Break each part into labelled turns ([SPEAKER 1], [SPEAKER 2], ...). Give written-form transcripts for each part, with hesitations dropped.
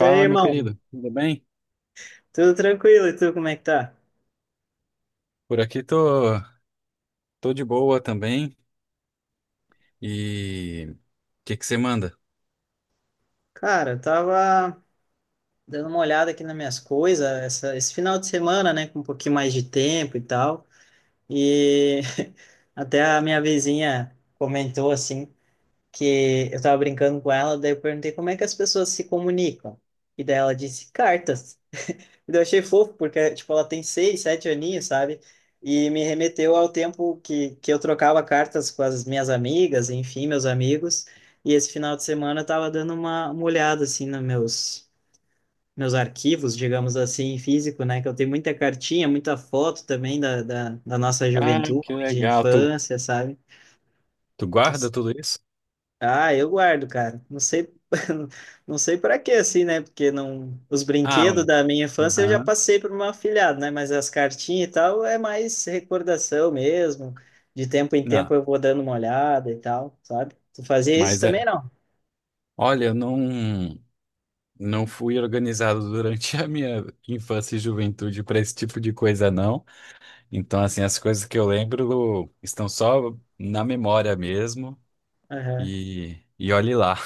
[SPEAKER 1] E aí,
[SPEAKER 2] meu
[SPEAKER 1] irmão?
[SPEAKER 2] querido, tudo bem?
[SPEAKER 1] Tudo tranquilo? E tu, como é que tá?
[SPEAKER 2] Por aqui tô, tô de boa também. E o que você manda?
[SPEAKER 1] Cara, eu tava dando uma olhada aqui nas minhas coisas esse final de semana, né? Com um pouquinho mais de tempo e tal. E até a minha vizinha comentou, assim, que eu tava brincando com ela, daí eu perguntei como é que as pessoas se comunicam. E daí ela disse cartas. E daí eu achei fofo, porque, tipo, ela tem seis, sete aninhos, sabe? E me remeteu ao tempo que eu trocava cartas com as minhas amigas, enfim, meus amigos. E esse final de semana eu tava dando uma olhada, assim, nos meus, meus arquivos, digamos assim, físico, né? Que eu tenho muita cartinha, muita foto também da nossa
[SPEAKER 2] Ah, que
[SPEAKER 1] juventude,
[SPEAKER 2] legal. Tu,
[SPEAKER 1] infância, sabe?
[SPEAKER 2] tu guarda tudo isso?
[SPEAKER 1] Ah, eu guardo, cara. Não sei, não sei para quê, assim, né? Porque não, os
[SPEAKER 2] Ah,
[SPEAKER 1] brinquedos da minha infância eu já
[SPEAKER 2] aham.
[SPEAKER 1] passei para uma meu afilhado, né? Mas as cartinhas e tal é mais recordação mesmo. De tempo em tempo
[SPEAKER 2] Não,
[SPEAKER 1] eu vou dando uma olhada e tal, sabe? Tu fazia isso
[SPEAKER 2] mas é.
[SPEAKER 1] também, não?
[SPEAKER 2] Olha, eu não, não fui organizado durante a minha infância e juventude para esse tipo de coisa, não. Então, assim, as coisas que eu lembro estão só na memória mesmo.
[SPEAKER 1] Aham.
[SPEAKER 2] E olhe lá.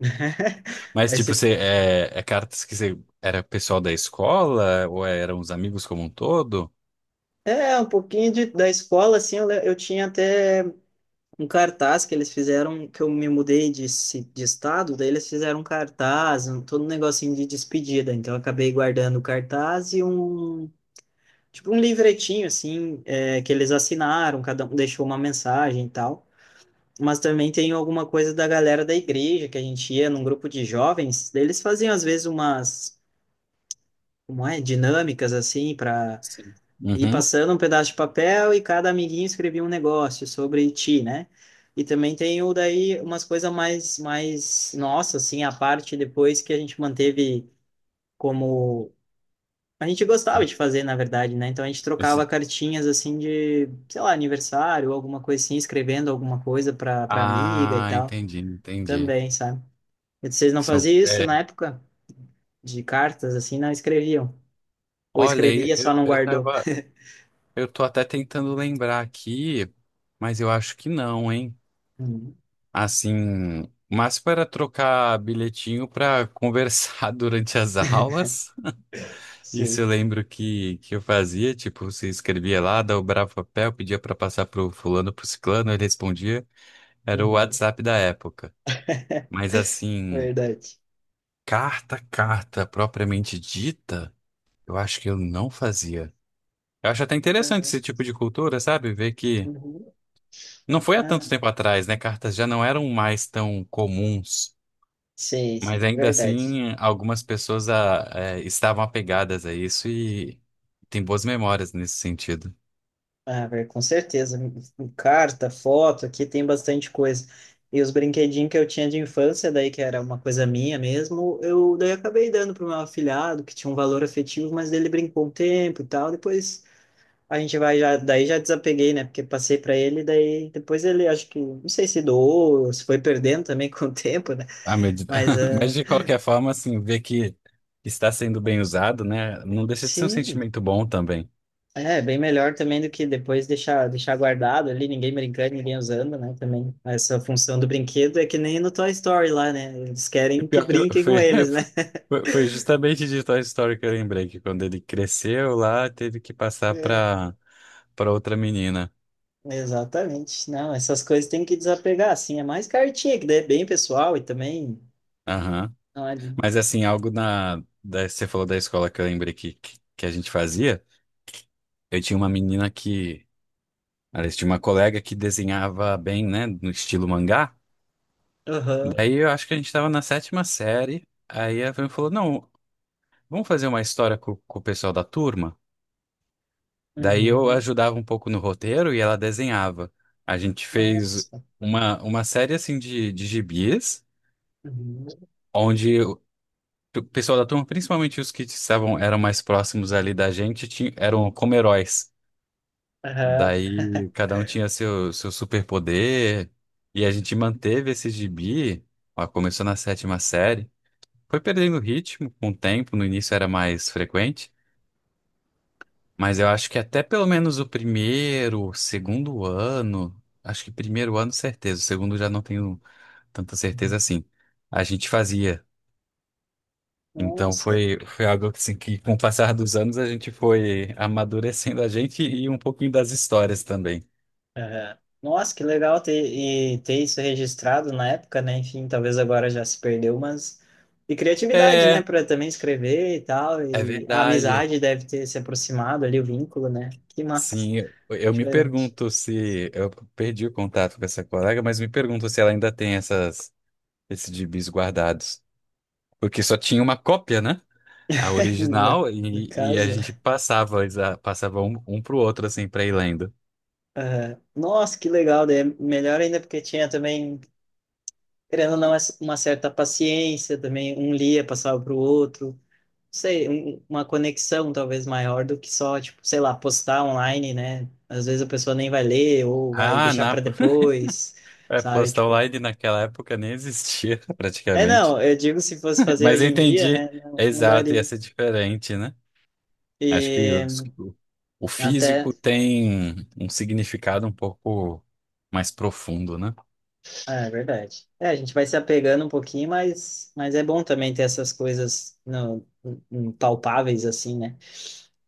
[SPEAKER 2] Mas,
[SPEAKER 1] Mas
[SPEAKER 2] tipo, você é cartas que você era pessoal da escola ou é, eram os amigos como um todo?
[SPEAKER 1] é, um pouquinho de, da escola, assim, eu, eu tinha até um cartaz que eles fizeram, que eu me mudei de, de estado, daí eles fizeram um cartaz, um, todo um negocinho de despedida. Então eu acabei guardando o cartaz e um, tipo, um livretinho, assim, é, que eles assinaram, cada um deixou uma mensagem e tal. Mas também tem alguma coisa da galera da igreja, que a gente ia num grupo de jovens, daí eles faziam às vezes umas, como é, dinâmicas, assim, para
[SPEAKER 2] Sim.
[SPEAKER 1] e
[SPEAKER 2] Uhum.
[SPEAKER 1] passando um pedaço de papel e cada amiguinho escrevia um negócio sobre ti, né? E também tem o daí umas coisas mais nossa assim, a parte depois que a gente manteve como a gente gostava de fazer, na verdade, né? Então a gente trocava
[SPEAKER 2] Esse...
[SPEAKER 1] cartinhas assim de, sei lá, aniversário, alguma coisa assim, escrevendo alguma coisa para amiga e
[SPEAKER 2] Ah,
[SPEAKER 1] tal,
[SPEAKER 2] entendi.
[SPEAKER 1] também, sabe? E vocês não
[SPEAKER 2] São,
[SPEAKER 1] faziam isso
[SPEAKER 2] é,
[SPEAKER 1] na época de cartas assim, não escreviam. Ou
[SPEAKER 2] olha,
[SPEAKER 1] escrevia,
[SPEAKER 2] eu,
[SPEAKER 1] só não
[SPEAKER 2] eu
[SPEAKER 1] guardou.
[SPEAKER 2] tava, eu tô até tentando lembrar aqui, mas eu acho que não, hein?
[SPEAKER 1] Uhum.
[SPEAKER 2] Assim, mas para trocar bilhetinho para conversar durante as aulas. Isso
[SPEAKER 1] Sim.
[SPEAKER 2] eu lembro que eu fazia, tipo, você escrevia lá, dobrava o papel, pedia pra passar pro fulano, pro ciclano, ele respondia. Era o
[SPEAKER 1] Uhum.
[SPEAKER 2] WhatsApp da época. Mas assim,
[SPEAKER 1] Verdade.
[SPEAKER 2] carta propriamente dita, eu acho que eu não fazia. Eu acho até interessante
[SPEAKER 1] Caraca.
[SPEAKER 2] esse tipo de cultura, sabe? Ver que
[SPEAKER 1] Uhum.
[SPEAKER 2] não foi há
[SPEAKER 1] Ah,
[SPEAKER 2] tanto
[SPEAKER 1] não.
[SPEAKER 2] tempo atrás, né? Cartas já não eram mais tão comuns.
[SPEAKER 1] Sim,
[SPEAKER 2] Mas
[SPEAKER 1] sim,
[SPEAKER 2] ainda
[SPEAKER 1] verdade.
[SPEAKER 2] assim, algumas pessoas estavam apegadas a isso e tem boas memórias nesse sentido.
[SPEAKER 1] Ah, com certeza. Carta, foto, aqui tem bastante coisa. E os brinquedinhos que eu tinha de infância, daí que era uma coisa minha mesmo, eu daí acabei dando para o meu afilhado, que tinha um valor afetivo, mas ele brincou um tempo e tal. Depois a gente vai já, daí já desapeguei, né? Porque passei para ele, daí depois ele acho que, não sei se doou, se foi perdendo também com o tempo, né?
[SPEAKER 2] Ah, meu Deus.
[SPEAKER 1] Mas
[SPEAKER 2] Mas
[SPEAKER 1] ah,
[SPEAKER 2] de qualquer forma, assim, ver que está sendo bem usado, né? Não deixa de ser um
[SPEAKER 1] sim.
[SPEAKER 2] sentimento bom também.
[SPEAKER 1] É, bem melhor também do que depois deixar, deixar guardado ali, ninguém brincando, ninguém usando, né? Também essa função do brinquedo é que nem no Toy Story lá, né? Eles
[SPEAKER 2] E
[SPEAKER 1] querem que
[SPEAKER 2] pior que eu...
[SPEAKER 1] brinquem com
[SPEAKER 2] foi,
[SPEAKER 1] eles, né?
[SPEAKER 2] foi justamente de Toy Story que eu lembrei, que quando ele cresceu lá, teve que passar
[SPEAKER 1] É.
[SPEAKER 2] para outra menina.
[SPEAKER 1] Exatamente. Não, essas coisas tem que desapegar, assim. É mais cartinha, que daí é bem pessoal e também.
[SPEAKER 2] Aham.
[SPEAKER 1] Olha.
[SPEAKER 2] Mas assim, algo na... da... você falou da escola que eu lembrei que a gente fazia. Eu tinha uma menina que... Aliás, tinha uma colega que desenhava bem, né? No estilo mangá.
[SPEAKER 1] Aham.
[SPEAKER 2] Daí eu acho que a gente tava na sétima série. Aí a Fran falou: Não, vamos fazer uma história com o pessoal da turma. Daí eu
[SPEAKER 1] Uhum.
[SPEAKER 2] ajudava um pouco no roteiro e ela desenhava. A gente fez
[SPEAKER 1] Nossa.
[SPEAKER 2] uma série assim de gibis,
[SPEAKER 1] Uhum.
[SPEAKER 2] onde o pessoal da turma, principalmente os que estavam, eram mais próximos ali da gente, tinha, eram como heróis.
[SPEAKER 1] Aham.
[SPEAKER 2] Daí cada um tinha seu superpoder. E a gente manteve esse gibi. Ó, começou na sétima série. Foi perdendo ritmo com o tempo, no início era mais frequente, mas eu acho que até pelo menos o primeiro, segundo ano, acho que primeiro ano certeza, o segundo já não tenho tanta certeza assim. A gente fazia. Então
[SPEAKER 1] Nossa.
[SPEAKER 2] foi algo assim que com o passar dos anos a gente foi amadurecendo a gente e um pouquinho das histórias também.
[SPEAKER 1] Aham. Nossa, que legal ter, e ter isso registrado na época, né? Enfim, talvez agora já se perdeu, mas. E criatividade, né?
[SPEAKER 2] É,
[SPEAKER 1] Para também escrever e tal.
[SPEAKER 2] é
[SPEAKER 1] E a
[SPEAKER 2] verdade.
[SPEAKER 1] amizade deve ter se aproximado ali, o vínculo, né? Que massa.
[SPEAKER 2] Sim, eu me
[SPEAKER 1] Diferente.
[SPEAKER 2] pergunto se eu perdi o contato com essa colega, mas me pergunto se ela ainda tem essas esses gibis guardados. Porque só tinha uma cópia, né? A
[SPEAKER 1] No,
[SPEAKER 2] original,
[SPEAKER 1] no
[SPEAKER 2] e a
[SPEAKER 1] caso.
[SPEAKER 2] gente
[SPEAKER 1] Né?
[SPEAKER 2] passava, passava um, um pro outro, assim, pra ir lendo.
[SPEAKER 1] Nossa, que legal. Daí é melhor ainda porque tinha também, querendo ou não, uma certa paciência também. Um lia, passava para o outro. Sei, uma conexão talvez maior do que só, tipo, sei lá, postar online, né? Às vezes a pessoa nem vai ler ou vai
[SPEAKER 2] Ah,
[SPEAKER 1] deixar
[SPEAKER 2] na
[SPEAKER 1] para depois,
[SPEAKER 2] é,
[SPEAKER 1] sabe?
[SPEAKER 2] posta
[SPEAKER 1] Tipo,
[SPEAKER 2] online naquela época nem existia,
[SPEAKER 1] é
[SPEAKER 2] praticamente.
[SPEAKER 1] não, eu digo se fosse fazer
[SPEAKER 2] Mas
[SPEAKER 1] hoje
[SPEAKER 2] eu
[SPEAKER 1] em dia,
[SPEAKER 2] entendi,
[SPEAKER 1] né? Não,
[SPEAKER 2] é
[SPEAKER 1] não
[SPEAKER 2] exato, ia
[SPEAKER 1] daria.
[SPEAKER 2] ser diferente, né? Acho que
[SPEAKER 1] E
[SPEAKER 2] os... o
[SPEAKER 1] até,
[SPEAKER 2] físico tem um significado um pouco mais profundo, né?
[SPEAKER 1] é, é verdade. É, a gente vai se apegando um pouquinho, mas é bom também ter essas coisas palpáveis assim, né?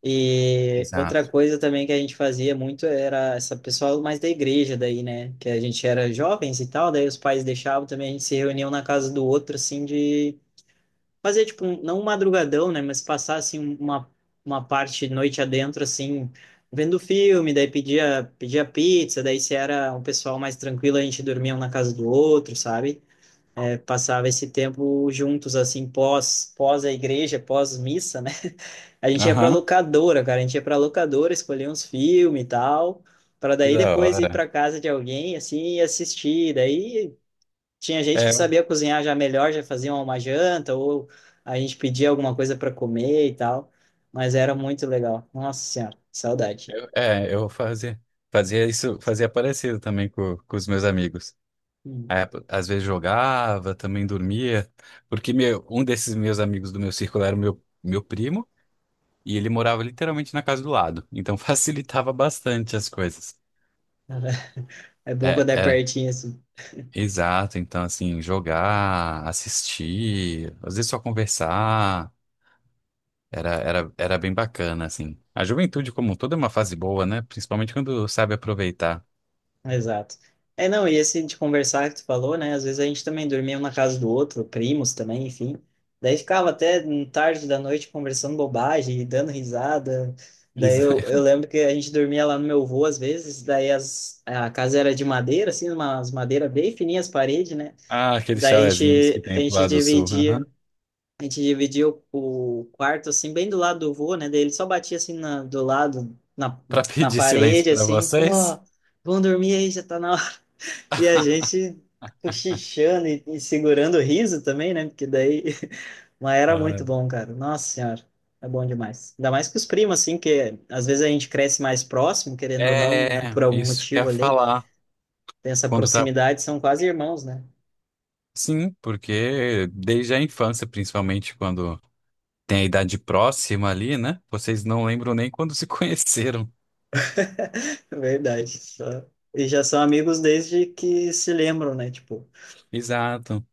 [SPEAKER 1] E outra
[SPEAKER 2] Exato.
[SPEAKER 1] coisa também que a gente fazia muito era essa pessoal mais da igreja daí, né? Que a gente era jovens e tal, daí os pais deixavam também, a gente se reuniam na casa do outro, assim, de fazer, tipo, não um madrugadão, né? Mas passar, assim, um, uma parte noite adentro, assim, vendo filme, daí pedia pizza, daí se era um pessoal mais tranquilo, a gente dormia um na casa do outro, sabe? É, passava esse tempo juntos, assim, pós a igreja, pós missa, né? A gente ia pra
[SPEAKER 2] Aham,
[SPEAKER 1] locadora, cara. A gente ia pra locadora, escolher uns filmes e tal, pra
[SPEAKER 2] que
[SPEAKER 1] daí
[SPEAKER 2] da
[SPEAKER 1] depois ir
[SPEAKER 2] hora.
[SPEAKER 1] pra casa de alguém, assim, e assistir. Daí tinha gente que
[SPEAKER 2] É,
[SPEAKER 1] sabia cozinhar já melhor, já fazia uma janta, ou a gente pedia alguma coisa pra comer e tal. Mas era muito legal. Nossa Senhora, saudade.
[SPEAKER 2] eu fazia, fazia isso, fazia parecido também com os meus amigos.
[SPEAKER 1] Hum.
[SPEAKER 2] É, às vezes jogava, também dormia, porque meu, um desses meus amigos do meu círculo era o meu primo, e ele morava literalmente na casa do lado, então facilitava bastante as coisas.
[SPEAKER 1] É bom
[SPEAKER 2] É,
[SPEAKER 1] quando é
[SPEAKER 2] é,
[SPEAKER 1] pertinho, assim.
[SPEAKER 2] exato, então assim, jogar, assistir, às vezes só conversar, era bem bacana, assim. A juventude como um todo é uma fase boa, né? Principalmente quando sabe aproveitar.
[SPEAKER 1] Exato. É, não, e esse de conversar que tu falou, né? Às vezes a gente também dormia um na casa do outro, primos também, enfim. Daí ficava até tarde da noite conversando bobagem, dando risada. Daí
[SPEAKER 2] Isso.
[SPEAKER 1] eu lembro que a gente dormia lá no meu avô às vezes, daí as, a casa era de madeira, assim, umas madeira bem fininhas as paredes, né?
[SPEAKER 2] Ah, aqueles
[SPEAKER 1] Daí a
[SPEAKER 2] chalezinhos que
[SPEAKER 1] gente, a
[SPEAKER 2] tem pro
[SPEAKER 1] gente
[SPEAKER 2] lado do sul, aham.
[SPEAKER 1] dividia, a gente dividia o quarto, assim, bem do lado do vô, né? Daí ele só batia, assim, na, do lado, na,
[SPEAKER 2] Pra
[SPEAKER 1] na
[SPEAKER 2] pedir silêncio
[SPEAKER 1] parede,
[SPEAKER 2] pra
[SPEAKER 1] assim, ó,
[SPEAKER 2] vocês.
[SPEAKER 1] vão dormir aí, já tá na e a gente cochichando e segurando o riso também, né? Porque daí. Mas era
[SPEAKER 2] Ah,
[SPEAKER 1] muito bom, cara. Nossa Senhora, é bom demais. Ainda mais com os primos, assim, que às vezes a gente cresce mais próximo, querendo ou não, né?
[SPEAKER 2] é,
[SPEAKER 1] Por algum
[SPEAKER 2] isso que eu
[SPEAKER 1] motivo
[SPEAKER 2] ia
[SPEAKER 1] ali.
[SPEAKER 2] falar.
[SPEAKER 1] Tem essa
[SPEAKER 2] Quando tá...
[SPEAKER 1] proximidade, são quase irmãos, né?
[SPEAKER 2] Sim, porque desde a infância, principalmente quando tem a idade próxima ali, né? Vocês não lembram nem quando se conheceram.
[SPEAKER 1] Verdade. E já são amigos desde que se lembram, né? Tipo,
[SPEAKER 2] Exato.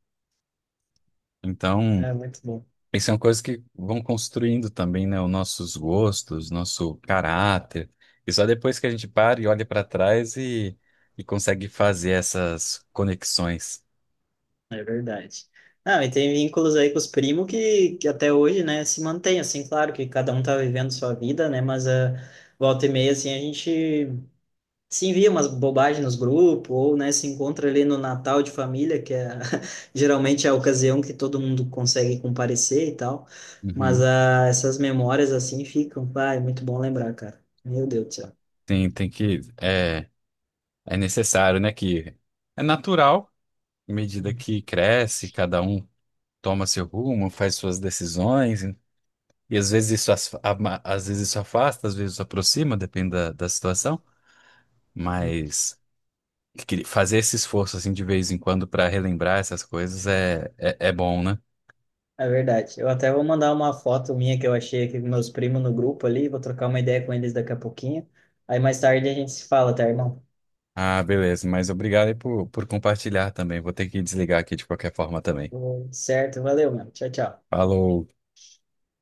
[SPEAKER 2] Então,
[SPEAKER 1] é muito bom.
[SPEAKER 2] isso é uma coisa que vão construindo também, né? Os nossos gostos, nosso caráter. E só depois que a gente para e olha para trás e consegue fazer essas conexões.
[SPEAKER 1] É verdade. Não, e tem vínculos aí com os primos que até hoje, né, se mantém, assim, claro que cada um tá vivendo sua vida, né, mas a volta e meia, assim, a gente se envia umas bobagens nos grupos, ou, né, se encontra ali no Natal de família, que é geralmente é a ocasião que todo mundo consegue comparecer e tal, mas
[SPEAKER 2] Uhum.
[SPEAKER 1] ah, essas memórias, assim, ficam, vai, muito bom lembrar, cara. Meu Deus do céu.
[SPEAKER 2] Tem que. É, é necessário, né? Que é natural. À medida que cresce, cada um toma seu rumo, faz suas decisões, e às vezes isso, às vezes isso afasta, às vezes isso aproxima, depende da situação, mas que... fazer esse esforço assim de vez em quando para relembrar essas coisas é bom, né?
[SPEAKER 1] É verdade. Eu até vou mandar uma foto minha que eu achei aqui com meus primos no grupo ali. Vou trocar uma ideia com eles daqui a pouquinho. Aí mais tarde a gente se fala, tá, irmão?
[SPEAKER 2] Ah, beleza, mas obrigado aí por compartilhar também. Vou ter que desligar aqui de qualquer forma também.
[SPEAKER 1] Tudo certo, valeu, mano. Tchau, tchau.
[SPEAKER 2] Falou!